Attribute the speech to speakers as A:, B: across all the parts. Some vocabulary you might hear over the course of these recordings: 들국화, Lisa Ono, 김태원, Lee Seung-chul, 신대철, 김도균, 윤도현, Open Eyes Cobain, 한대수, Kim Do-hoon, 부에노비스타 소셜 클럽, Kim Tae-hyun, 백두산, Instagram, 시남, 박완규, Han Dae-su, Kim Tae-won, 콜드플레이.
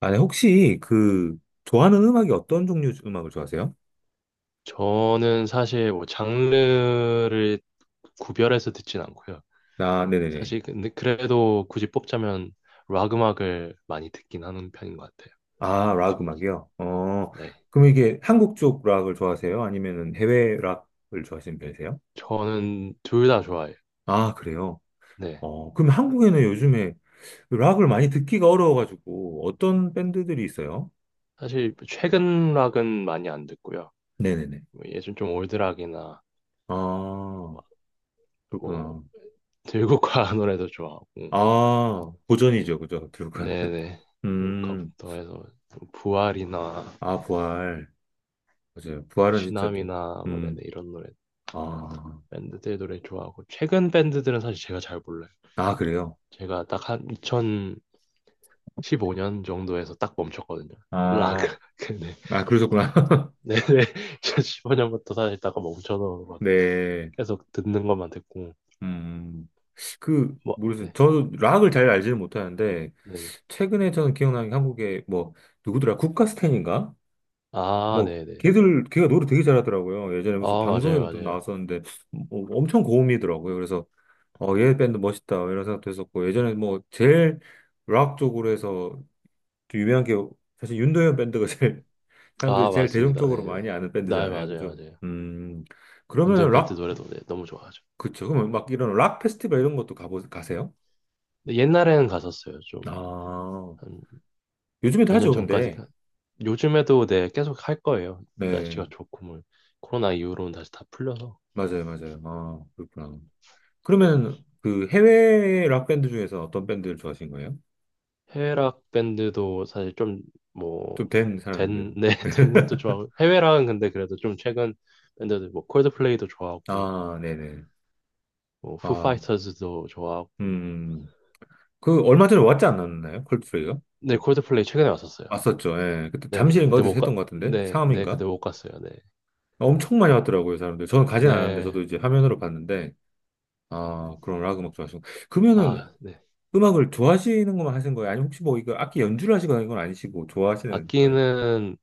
A: 아니, 혹시 그 좋아하는 음악이 어떤 종류 음악을 좋아하세요?
B: 저는 사실 뭐 장르를 구별해서 듣진 않고요.
A: 아, 네네네.
B: 사실 근데 그래도 굳이 뽑자면 락 음악을 많이 듣긴 하는 편인 것 같아요.
A: 아, 락
B: 지금
A: 음악이요? 어,
B: 네,
A: 그럼 이게 한국 쪽 락을 좋아하세요? 아니면 해외 락을 좋아하시는 편이세요?
B: 저는 둘 다 좋아해요.
A: 아, 그래요?
B: 네,
A: 어, 그럼 한국에는 요즘에 락을 많이 듣기가 어려워가지고 어떤 밴드들이 있어요?
B: 사실 최근 락은 많이 안 듣고요.
A: 네네네.
B: 뭐 예전 좀 올드 락이나
A: 아,
B: 뭐
A: 그렇구나.
B: 들국화 노래도 좋아하고
A: 아,
B: 네,
A: 고전이죠, 그죠? 들어가는.
B: 네네
A: 음,
B: 들국화부터 해서 부활이나
A: 아, 부활. 맞아요. 부활은 진짜 또,
B: 시남이나 뭐 네네
A: 음,
B: 이런 노래
A: 아,
B: 밴드들 노래 좋아하고 최근 밴드들은 사실 제가 잘 몰라요.
A: 아, 그래요?
B: 제가 딱 한 2015년 정도에서 딱 멈췄거든요. 락.
A: 아,
B: 근데
A: 아, 그러셨구나.
B: 네네 2015년부터 사실 딱 멈춰서 막
A: 네.
B: 계속 듣는 것만 듣고
A: 음, 그,
B: 뭐
A: 모르겠어요.
B: 네.
A: 저는 락을 잘 알지는 못하는데,
B: 네네.
A: 최근에 저는 기억나는 게 한국에 뭐, 누구더라? 국가스텐인가?
B: 아
A: 뭐,
B: 네네.
A: 걔들, 걔가 노래 되게 잘하더라고요. 예전에
B: 아
A: 무슨
B: 맞아요
A: 방송에도 좀
B: 맞아요.
A: 나왔었는데, 뭐 엄청 고음이더라고요. 그래서, 어, 얘 밴드 멋있다. 뭐 이런 생각도 했었고,
B: 네.
A: 예전에 뭐, 제일 락 쪽으로 해서 좀 유명한 게, 사실 윤도현 밴드가 제일, 사람들이
B: 아
A: 제일
B: 맞습니다.
A: 대중적으로
B: 네네. 네
A: 많이 아는
B: 네,
A: 밴드잖아요.
B: 맞아요
A: 그죠?
B: 맞아요.
A: 그러면
B: 윤도현 밴드
A: 락
B: 노래도 네, 너무 좋아하죠.
A: 그쵸. 그면막 이런 락 페스티벌 이런 것도 가보, 가세요?
B: 근데 옛날에는 갔었어요 좀.
A: 아,
B: 한
A: 요즘에도
B: 몇 년
A: 하죠, 근데.
B: 전까지가 요즘에도 네 계속 할 거예요.
A: 네,
B: 날씨가 좋고 뭐 코로나 이후로는 다시 다 풀려서
A: 맞아요, 맞아요. 아, 그렇구나. 그러면 그 해외 락 밴드 중에서 어떤 밴드를 좋아하신 거예요?
B: 해외락 밴드도 사실
A: 좀 된
B: 좀뭐된
A: 사람들.
B: 네, 된 것도 좋아하고 해외락은 근데 그래도 좀 최근 밴드들 뭐 콜드플레이도 좋아하고
A: 아, 네네.
B: 뭐
A: 아,
B: 후파이터즈도 좋아하고
A: 음. 그 얼마 전에 왔지 않았나요? 콜드플레이가?
B: 네
A: 네.
B: 콜드플레이 최근에 왔었어요.
A: 왔었죠. 예. 그때
B: 네네
A: 잠실인가
B: 그때
A: 어디서
B: 못 가,
A: 했던 것 같은데?
B: 네, 네
A: 상암인가?
B: 그때 못 갔어요. 네,
A: 엄청 많이 왔더라고요, 사람들. 저는 가진 않았는데,
B: 네,
A: 저도 이제 화면으로 봤는데, 아, 그런 락 음악 좋아하시고. 그러면은
B: 아, 네
A: 음악을 좋아하시는 것만 하신 거예요? 아니면 혹시 뭐 이거 악기 연주를 하시거나 이건 아니시고 좋아하시는 거예요?
B: 악기는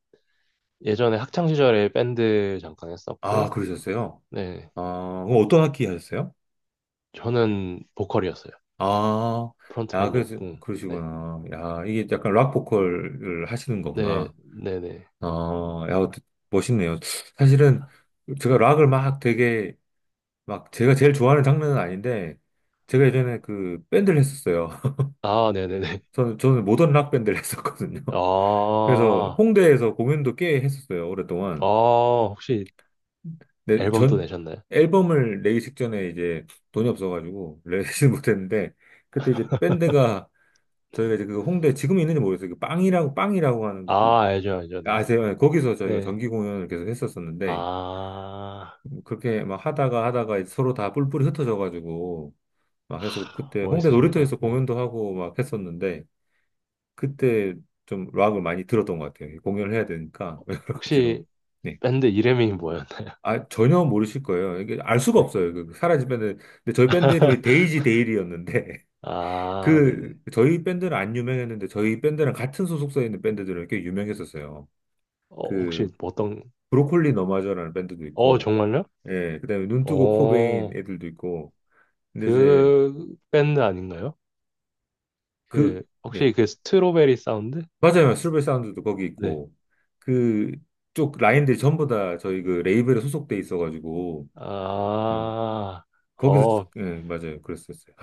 B: 예전에 학창 시절에 밴드 잠깐
A: 아,
B: 했었고
A: 그러셨어요?
B: 네
A: 아, 그럼 어떤 악기 하셨어요?
B: 저는 보컬이었어요.
A: 아, 야, 그래서,
B: 프론트맨이었고, 네.
A: 그러시구나. 야, 이게 약간 락 보컬을 하시는
B: 네,
A: 거구나.
B: 네네.
A: 아, 야, 어떠- 멋있네요. 사실은 제가 락을 막 되게, 막 제가 제일 좋아하는 장르는 아닌데, 제가 예전에 그 밴드를 했었어요.
B: 아, 네네네.
A: 저는, 저는 모던 락 밴드를 했었거든요.
B: 아,
A: 그래서 홍대에서 공연도 꽤 했었어요,
B: 아,
A: 오랫동안.
B: 혹시
A: 네,
B: 앨범도
A: 전
B: 내셨나요?
A: 앨범을 내기 직전에 이제 돈이 없어가지고 내지 못했는데 그때 이제 밴드가 저희가 이제 그 홍대 지금 있는지 모르겠어요. 그 빵이라고 빵이라고 하는 그
B: 아, 알죠, 알죠, 네.
A: 아세요? 네, 거기서 저희가
B: 네.
A: 정기 공연을 계속 했었었는데
B: 아,
A: 뭐 그렇게 하다가 하다가 이제 서로 다 뿔뿔이 흩어져가지고 막 해서
B: 하,
A: 그때 홍대
B: 멋있으십니다.
A: 놀이터에서
B: 네.
A: 공연도 하고 막 했었는데 그때 좀 락을 많이 들었던 것 같아요. 공연을 해야 되니까 여러
B: 혹시
A: 가지로. 네.
B: 밴드 이름이 뭐였나?
A: 아, 전혀 모르실 거예요. 이게 알 수가
B: 네.
A: 없어요. 그 사라지면은. 근데 저희 밴드 이름이 데이지 데일이었는데,
B: 아,
A: 그,
B: 네네.
A: 저희 밴드는 안 유명했는데, 저희 밴드랑 같은 소속사에 있는 밴드들은 꽤 유명했었어요.
B: 어, 혹시
A: 그,
B: 뭐 어떤,
A: 브로콜리 너마저라는 밴드도
B: 어,
A: 있고,
B: 정말요?
A: 예, 그 다음에 눈뜨고 코베인
B: 어,
A: 애들도 있고, 근데 이제
B: 그 밴드 아닌가요?
A: 그,
B: 그,
A: 예,
B: 혹시 그 스트로베리 사운드?
A: 맞아요. 실버 사운드도 거기
B: 네.
A: 있고, 그, 쪽 라인들이 전부 다 저희 그 레이블에 소속돼 있어가지고, 음,
B: 아,
A: 거기서,
B: 어,
A: 예, 맞아요. 그랬었어요.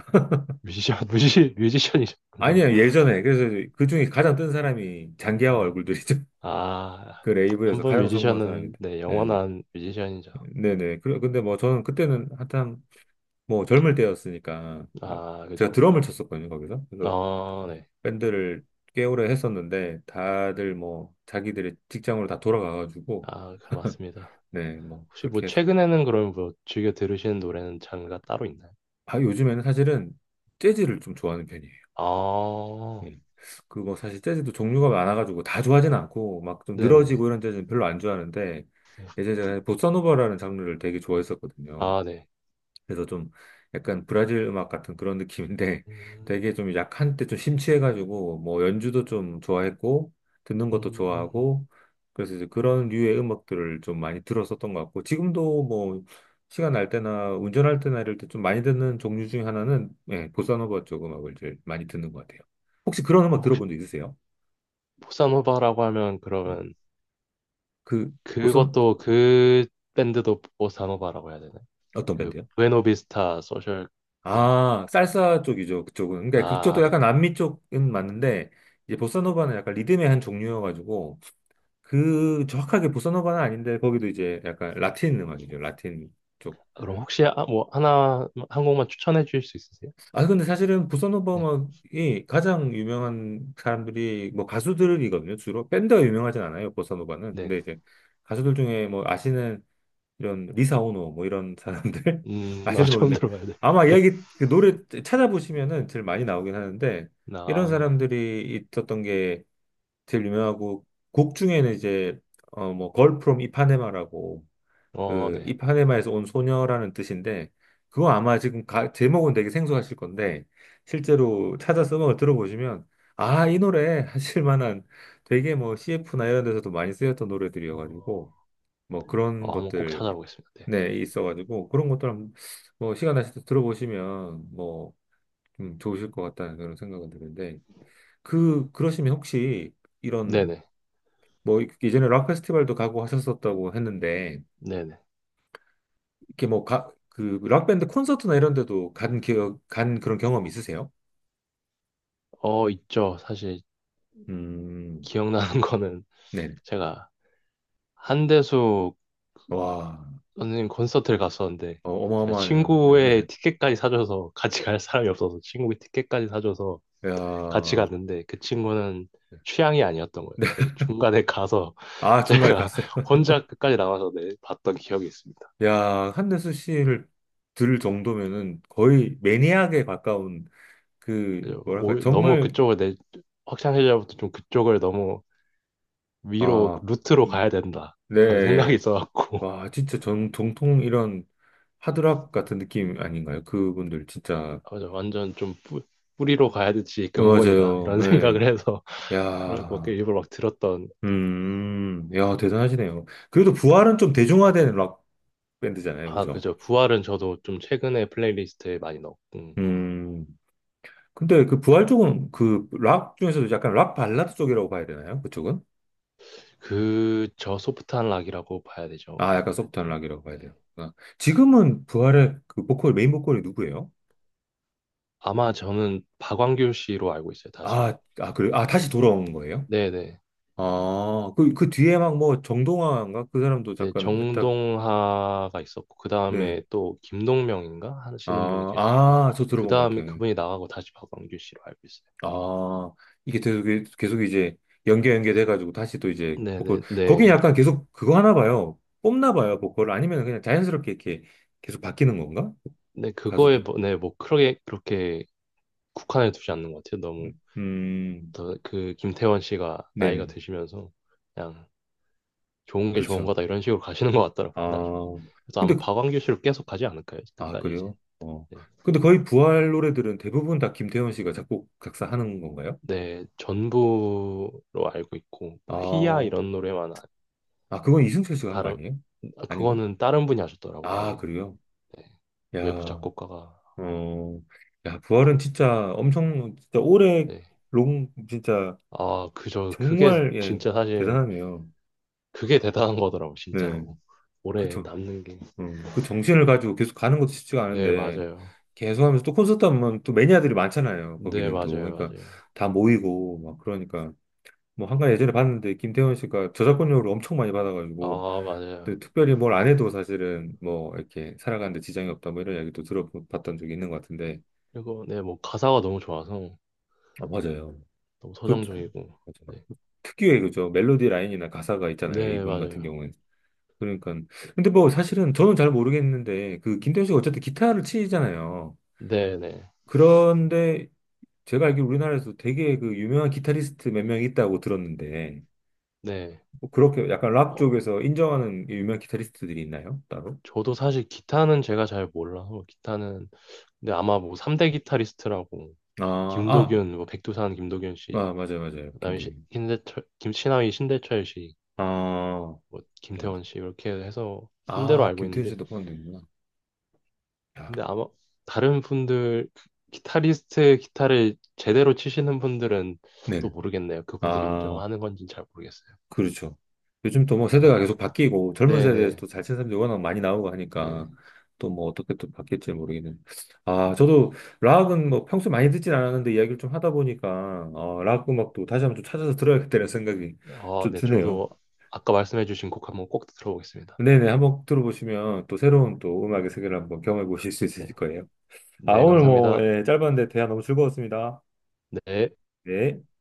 B: 뮤지션, 뮤지션이셨군요.
A: 아니야, 예전에. 그래서 그 중에 가장 뜬 사람이 장기하와
B: 네.
A: 얼굴들이죠.
B: 아,
A: 그
B: 한
A: 레이블에서
B: 번
A: 가장 성공한
B: 뮤지션은,
A: 사람인데.
B: 네,
A: 네.
B: 영원한 뮤지션이죠.
A: 네네. 그래, 근데 뭐 저는 그때는 한참 뭐 젊을 때였으니까 막
B: 아, 그죠,
A: 제가
B: 그죠.
A: 드럼을 쳤었거든요, 거기서. 그래서
B: 아, 네.
A: 밴드를 꽤 오래 했었는데 다들 뭐 자기들의 직장으로 다 돌아가가지고
B: 아, 그 맞습니다.
A: 네, 뭐
B: 혹시 뭐,
A: 그렇게 해서.
B: 최근에는 그럼 뭐, 즐겨 들으시는 노래는 장르가 따로 있나요?
A: 아, 요즘에는 사실은 재즈를 좀 좋아하는 편이에요.
B: 아,
A: 예. 그거 사실 재즈도 종류가 많아가지고 다 좋아하진 않고 막 좀
B: 네네.
A: 늘어지고 이런 재즈는 별로 안 좋아하는데
B: 네.
A: 예전에 제가 보사노바라는 장르를 되게 좋아했었거든요.
B: 아, 네.
A: 그래서 좀 약간 브라질 음악 같은 그런 느낌인데
B: 음,
A: 되게 좀 약한 때 좀 심취해가지고 뭐 연주도 좀 좋아했고 듣는 것도
B: 음.
A: 좋아하고 그래서 이제 그런 류의 음악들을 좀 많이 들었었던 것 같고 지금도 뭐 시간 날 때나 운전할 때나 이럴 때 좀 많이 듣는 종류 중에 하나는 예, 보사노바 쪽 음악을 제일 많이 듣는 것 같아요. 혹시 그런 음악
B: 혹시,
A: 들어본 적 있으세요?
B: 보사노바라고 하면,
A: 음,
B: 그러면,
A: 그 보선
B: 그것도, 그 밴드도 보사노바라고 해야 되나요?
A: 어떤
B: 그
A: 밴드요?
B: 부에노비스타 소셜 클럽.
A: 아, 살사 쪽이죠, 그쪽은. 그러니까
B: 아,
A: 그쪽도 약간
B: 네.
A: 남미 쪽은 맞는데, 이제 보사노바는 약간 리듬의 한 종류여가지고, 그 정확하게 보사노바는 아닌데, 거기도 이제 약간 라틴 음악이죠, 라틴 쪽.
B: 그럼 혹시 아, 뭐 하나 한 곡만 추천해 주실 수 있으세요?
A: 아, 근데 사실은 보사노바
B: 네.
A: 음악이 가장 유명한 사람들이 뭐 가수들이거든요, 주로. 밴드가 유명하진 않아요, 보사노바는.
B: 네.
A: 근데 이제 가수들 중에 뭐 아시는 이런 리사 오노 뭐 이런 사람들
B: 아,
A: 아실지
B: 처음
A: 모르겠는데
B: 들어봐야 돼.
A: 아마 이야기 그 노래 찾아보시면은 제일 많이 나오긴 하는데 이런
B: 아, 네.
A: 사람들이 있었던 게 제일 유명하고 곡 중에는 이제 어뭐 걸 프롬 이파네마라고
B: 어,
A: 그
B: 네.
A: 이파네마에서 온 소녀라는 뜻인데 그거 아마 지금 가- 제목은 되게 생소하실 건데 실제로 찾아서 음악을 들어보시면 아 이 노래 하실 만한 되게 뭐 CF나 이런 데서도 많이 쓰였던
B: 어,
A: 노래들이어가지고 뭐 그런
B: 어, 한번 꼭
A: 것들
B: 찾아보겠습니다. 네.
A: 네, 있어가지고 그런 것들 한번 뭐 시간 나실 때 들어보시면 뭐 좀 좋으실 것 같다는 그런 생각은 드는데 그 그러시면 혹시 이런
B: 네네.
A: 뭐 예전에 락 페스티벌도 가고 하셨었다고 했는데
B: 네네.
A: 이렇게 뭐 가 그 락 밴드 콘서트나 이런 데도 간 기억 간 그런 경험 있으세요?
B: 어, 있죠. 사실
A: 음,
B: 기억나는 거는
A: 네,
B: 제가 한대수
A: 와,
B: 선생님 콘서트를 갔었는데
A: 어,
B: 제가
A: 어마어마하네요. 네.
B: 친구의 티켓까지 사줘서 같이 갈 사람이 없어서 친구의 티켓까지 사줘서 같이
A: 야,
B: 갔는데 그 친구는 취향이 아니었던 거예요.
A: 네,
B: 그래서 중간에 가서
A: 아 중간에
B: 제가
A: 갔어요.
B: 혼자 끝까지 남아서 내 봤던 기억이 있습니다.
A: 야, 한대수 씨를 들 정도면은 거의 매니악에 가까운 그 뭐랄까
B: 너무
A: 정말
B: 그쪽을 내 확장세자부터 좀 그쪽을 너무 위로
A: 아
B: 루트로
A: 음,
B: 가야 된다 그런 생각이
A: 네.
B: 있어갖고
A: 와, 진짜 정, 정통 이런 하드락 같은 느낌 아닌가요? 그분들 진짜
B: 맞아, 완전 뿌리로 가야 되지
A: 어,
B: 근본이다
A: 맞아요.
B: 이런
A: 예.
B: 생각을 해서 그걸 막
A: 야.
B: 일부러 막 들었던
A: 음. 야, 대단하시네요. 그래도 부활은 좀 대중화된 락 밴드잖아요.
B: 아
A: 그죠?
B: 그죠 부활은 저도 좀 최근에 플레이리스트에 많이 넣었고
A: 음. 근데 그 부활 쪽은 그 락 중에서도 약간 락 발라드 쪽이라고 봐야 되나요? 그쪽은?
B: 그 저 소프트한 락이라고 봐야 되죠
A: 아, 약간
B: 아무래도
A: 소프트한 락이라고 봐야
B: 네.
A: 돼요. 아, 지금은 부활의 그 보컬 메인 보컬이 누구예요?
B: 아마 저는 박완규 씨로 알고 있어요, 다시.
A: 아, 아, 그래. 아,
B: 네.
A: 다시 돌아온 거예요?
B: 네네.
A: 아, 그, 그 뒤에 막 뭐 정동화인가? 그 사람도
B: 네,
A: 잠깐 했다.
B: 정동하가 있었고, 그
A: 네.
B: 다음에 또 김동명인가?
A: 아,
B: 하시는 분이 계셨고,
A: 아, 저
B: 그
A: 들어본 것
B: 다음에
A: 같아요.
B: 그분이 나가고 다시 박완규 씨로 알고 있어요.
A: 아, 이게 계속, 계속 이제 연계 연계돼가지고 다시 또 이제 보컬.
B: 네네,
A: 거긴
B: 네.
A: 약간 계속 그거 하나 봐요. 뽑나 봐요, 보컬. 아니면 그냥 자연스럽게 이렇게 계속 바뀌는 건가?
B: 네, 그거에,
A: 가수들이.
B: 뭐, 네, 뭐, 그렇게, 그렇게 국한해 두지 않는 것 같아요. 너무,
A: 음, 음,
B: 더, 그, 김태원 씨가 나이가
A: 네네.
B: 드시면서, 그냥, 좋은 게 좋은
A: 그렇죠.
B: 거다, 이런 식으로 가시는 것 같더라고요, 나중에.
A: 아,
B: 그래서
A: 근데
B: 아마 박완규 씨로 계속 가지 않을까요?
A: 아,
B: 끝까지 이제.
A: 그래요? 어.
B: 네.
A: 근데 거의 부활 노래들은 대부분 다 김태현 씨가 작곡, 작사하는 건가요?
B: 네, 전부로 알고 있고 뭐 희야
A: 아,
B: 이런 노래만 아-
A: 아, 그건 이승철 씨가 한 거
B: 다른
A: 아니에요?
B: 아,
A: 아닌가?
B: 그거는 다른 분이 하셨더라고요. 아예.
A: 아, 그래요?
B: 네. 외부
A: 야,
B: 작곡가가
A: 어, 야, 부활은 진짜 엄청, 진짜 오래,
B: 네.
A: 롱, 진짜
B: 아, 그저 그게
A: 정말, 예,
B: 진짜 사실
A: 대단하네요.
B: 그게 대단한 거더라고
A: 네,
B: 진짜로. 오래
A: 그쵸.
B: 남는 게.
A: 그 정신을 가지고 계속 가는 것도 쉽지가
B: 네,
A: 않은데,
B: 맞아요.
A: 계속 하면서 또 콘서트 하면 또 매니아들이 많잖아요.
B: 네,
A: 거기는 또.
B: 맞아요.
A: 그러니까
B: 맞아요.
A: 다 모이고, 막 그러니까. 뭐 한간 예전에 봤는데 김태원 씨가 저작권료를 엄청 많이 받아가지고
B: 아, 맞아요.
A: 근데 특별히 뭘 안 해도 사실은 뭐 이렇게 살아가는데 지장이 없다 뭐 이런 이야기도 들어봤던 적이 있는 것 같은데
B: 그리고 네, 뭐 가사가 너무 좋아서
A: 아 맞아요
B: 너무
A: 그
B: 서정적이고.
A: 맞아요.
B: 네.
A: 특유의 그죠 멜로디 라인이나 가사가 있잖아요
B: 네,
A: 이분 같은
B: 맞아요.
A: 경우는 그러니까 근데 뭐 사실은 저는 잘 모르겠는데 그 김태원 씨가 어쨌든 기타를 치잖아요
B: 네, 네.
A: 그런데 제가 알기로 우리나라에서 되게 그 유명한 기타리스트 몇 명이 있다고 들었는데
B: 네.
A: 뭐 그렇게 약간 락
B: 어,
A: 쪽에서 인정하는 유명 기타리스트들이 있나요? 따로?
B: 저도 사실 기타는 제가 잘 몰라서 기타는 근데 아마 뭐 3대 기타리스트라고
A: 아, 아,
B: 김도균, 뭐 백두산 김도균 씨,
A: 아 맞아요, 맞아요.
B: 그다음에
A: 김도훈.
B: 대철 김신하위 신대철 씨,
A: 아,
B: 뭐
A: 맞아요, 맞아요.
B: 김태원 씨 이렇게 해서 3대로
A: 아,
B: 알고
A: 김태현
B: 있는데
A: 씨도 포함되는구나. 야,
B: 근데 아마 다른 분들 기타리스트 기타를 제대로 치시는 분들은
A: 네.
B: 또 모르겠네요. 그분들이
A: 아,
B: 인정하는 건지는 잘 모르겠어요.
A: 그렇죠. 요즘 또 뭐
B: 아마
A: 세대가 계속 바뀌고 젊은
B: 네네
A: 세대에서
B: 네.
A: 또 잘 치는 사람들이 워낙 많이 나오고 하니까
B: 네.
A: 또 뭐 어떻게 또 바뀔지 모르겠는. 아, 저도 락은 뭐 평소에 많이 듣진 않았는데 이야기를 좀 하다 보니까 어, 락 음악도 다시 한번 좀 찾아서 들어야겠다는 생각이
B: 아,
A: 좀
B: 네.
A: 드네요.
B: 저도 아까 말씀해 주신 곡 한번 꼭 들어보겠습니다.
A: 네네, 한번 들어보시면 또 새로운 또 음악의 세계를 한번 경험해 보실 수
B: 네.
A: 있으실 거예요. 아,
B: 네,
A: 오늘 뭐,
B: 감사합니다.
A: 예, 짧았는데 대화 너무 즐거웠습니다.
B: 네.
A: 네.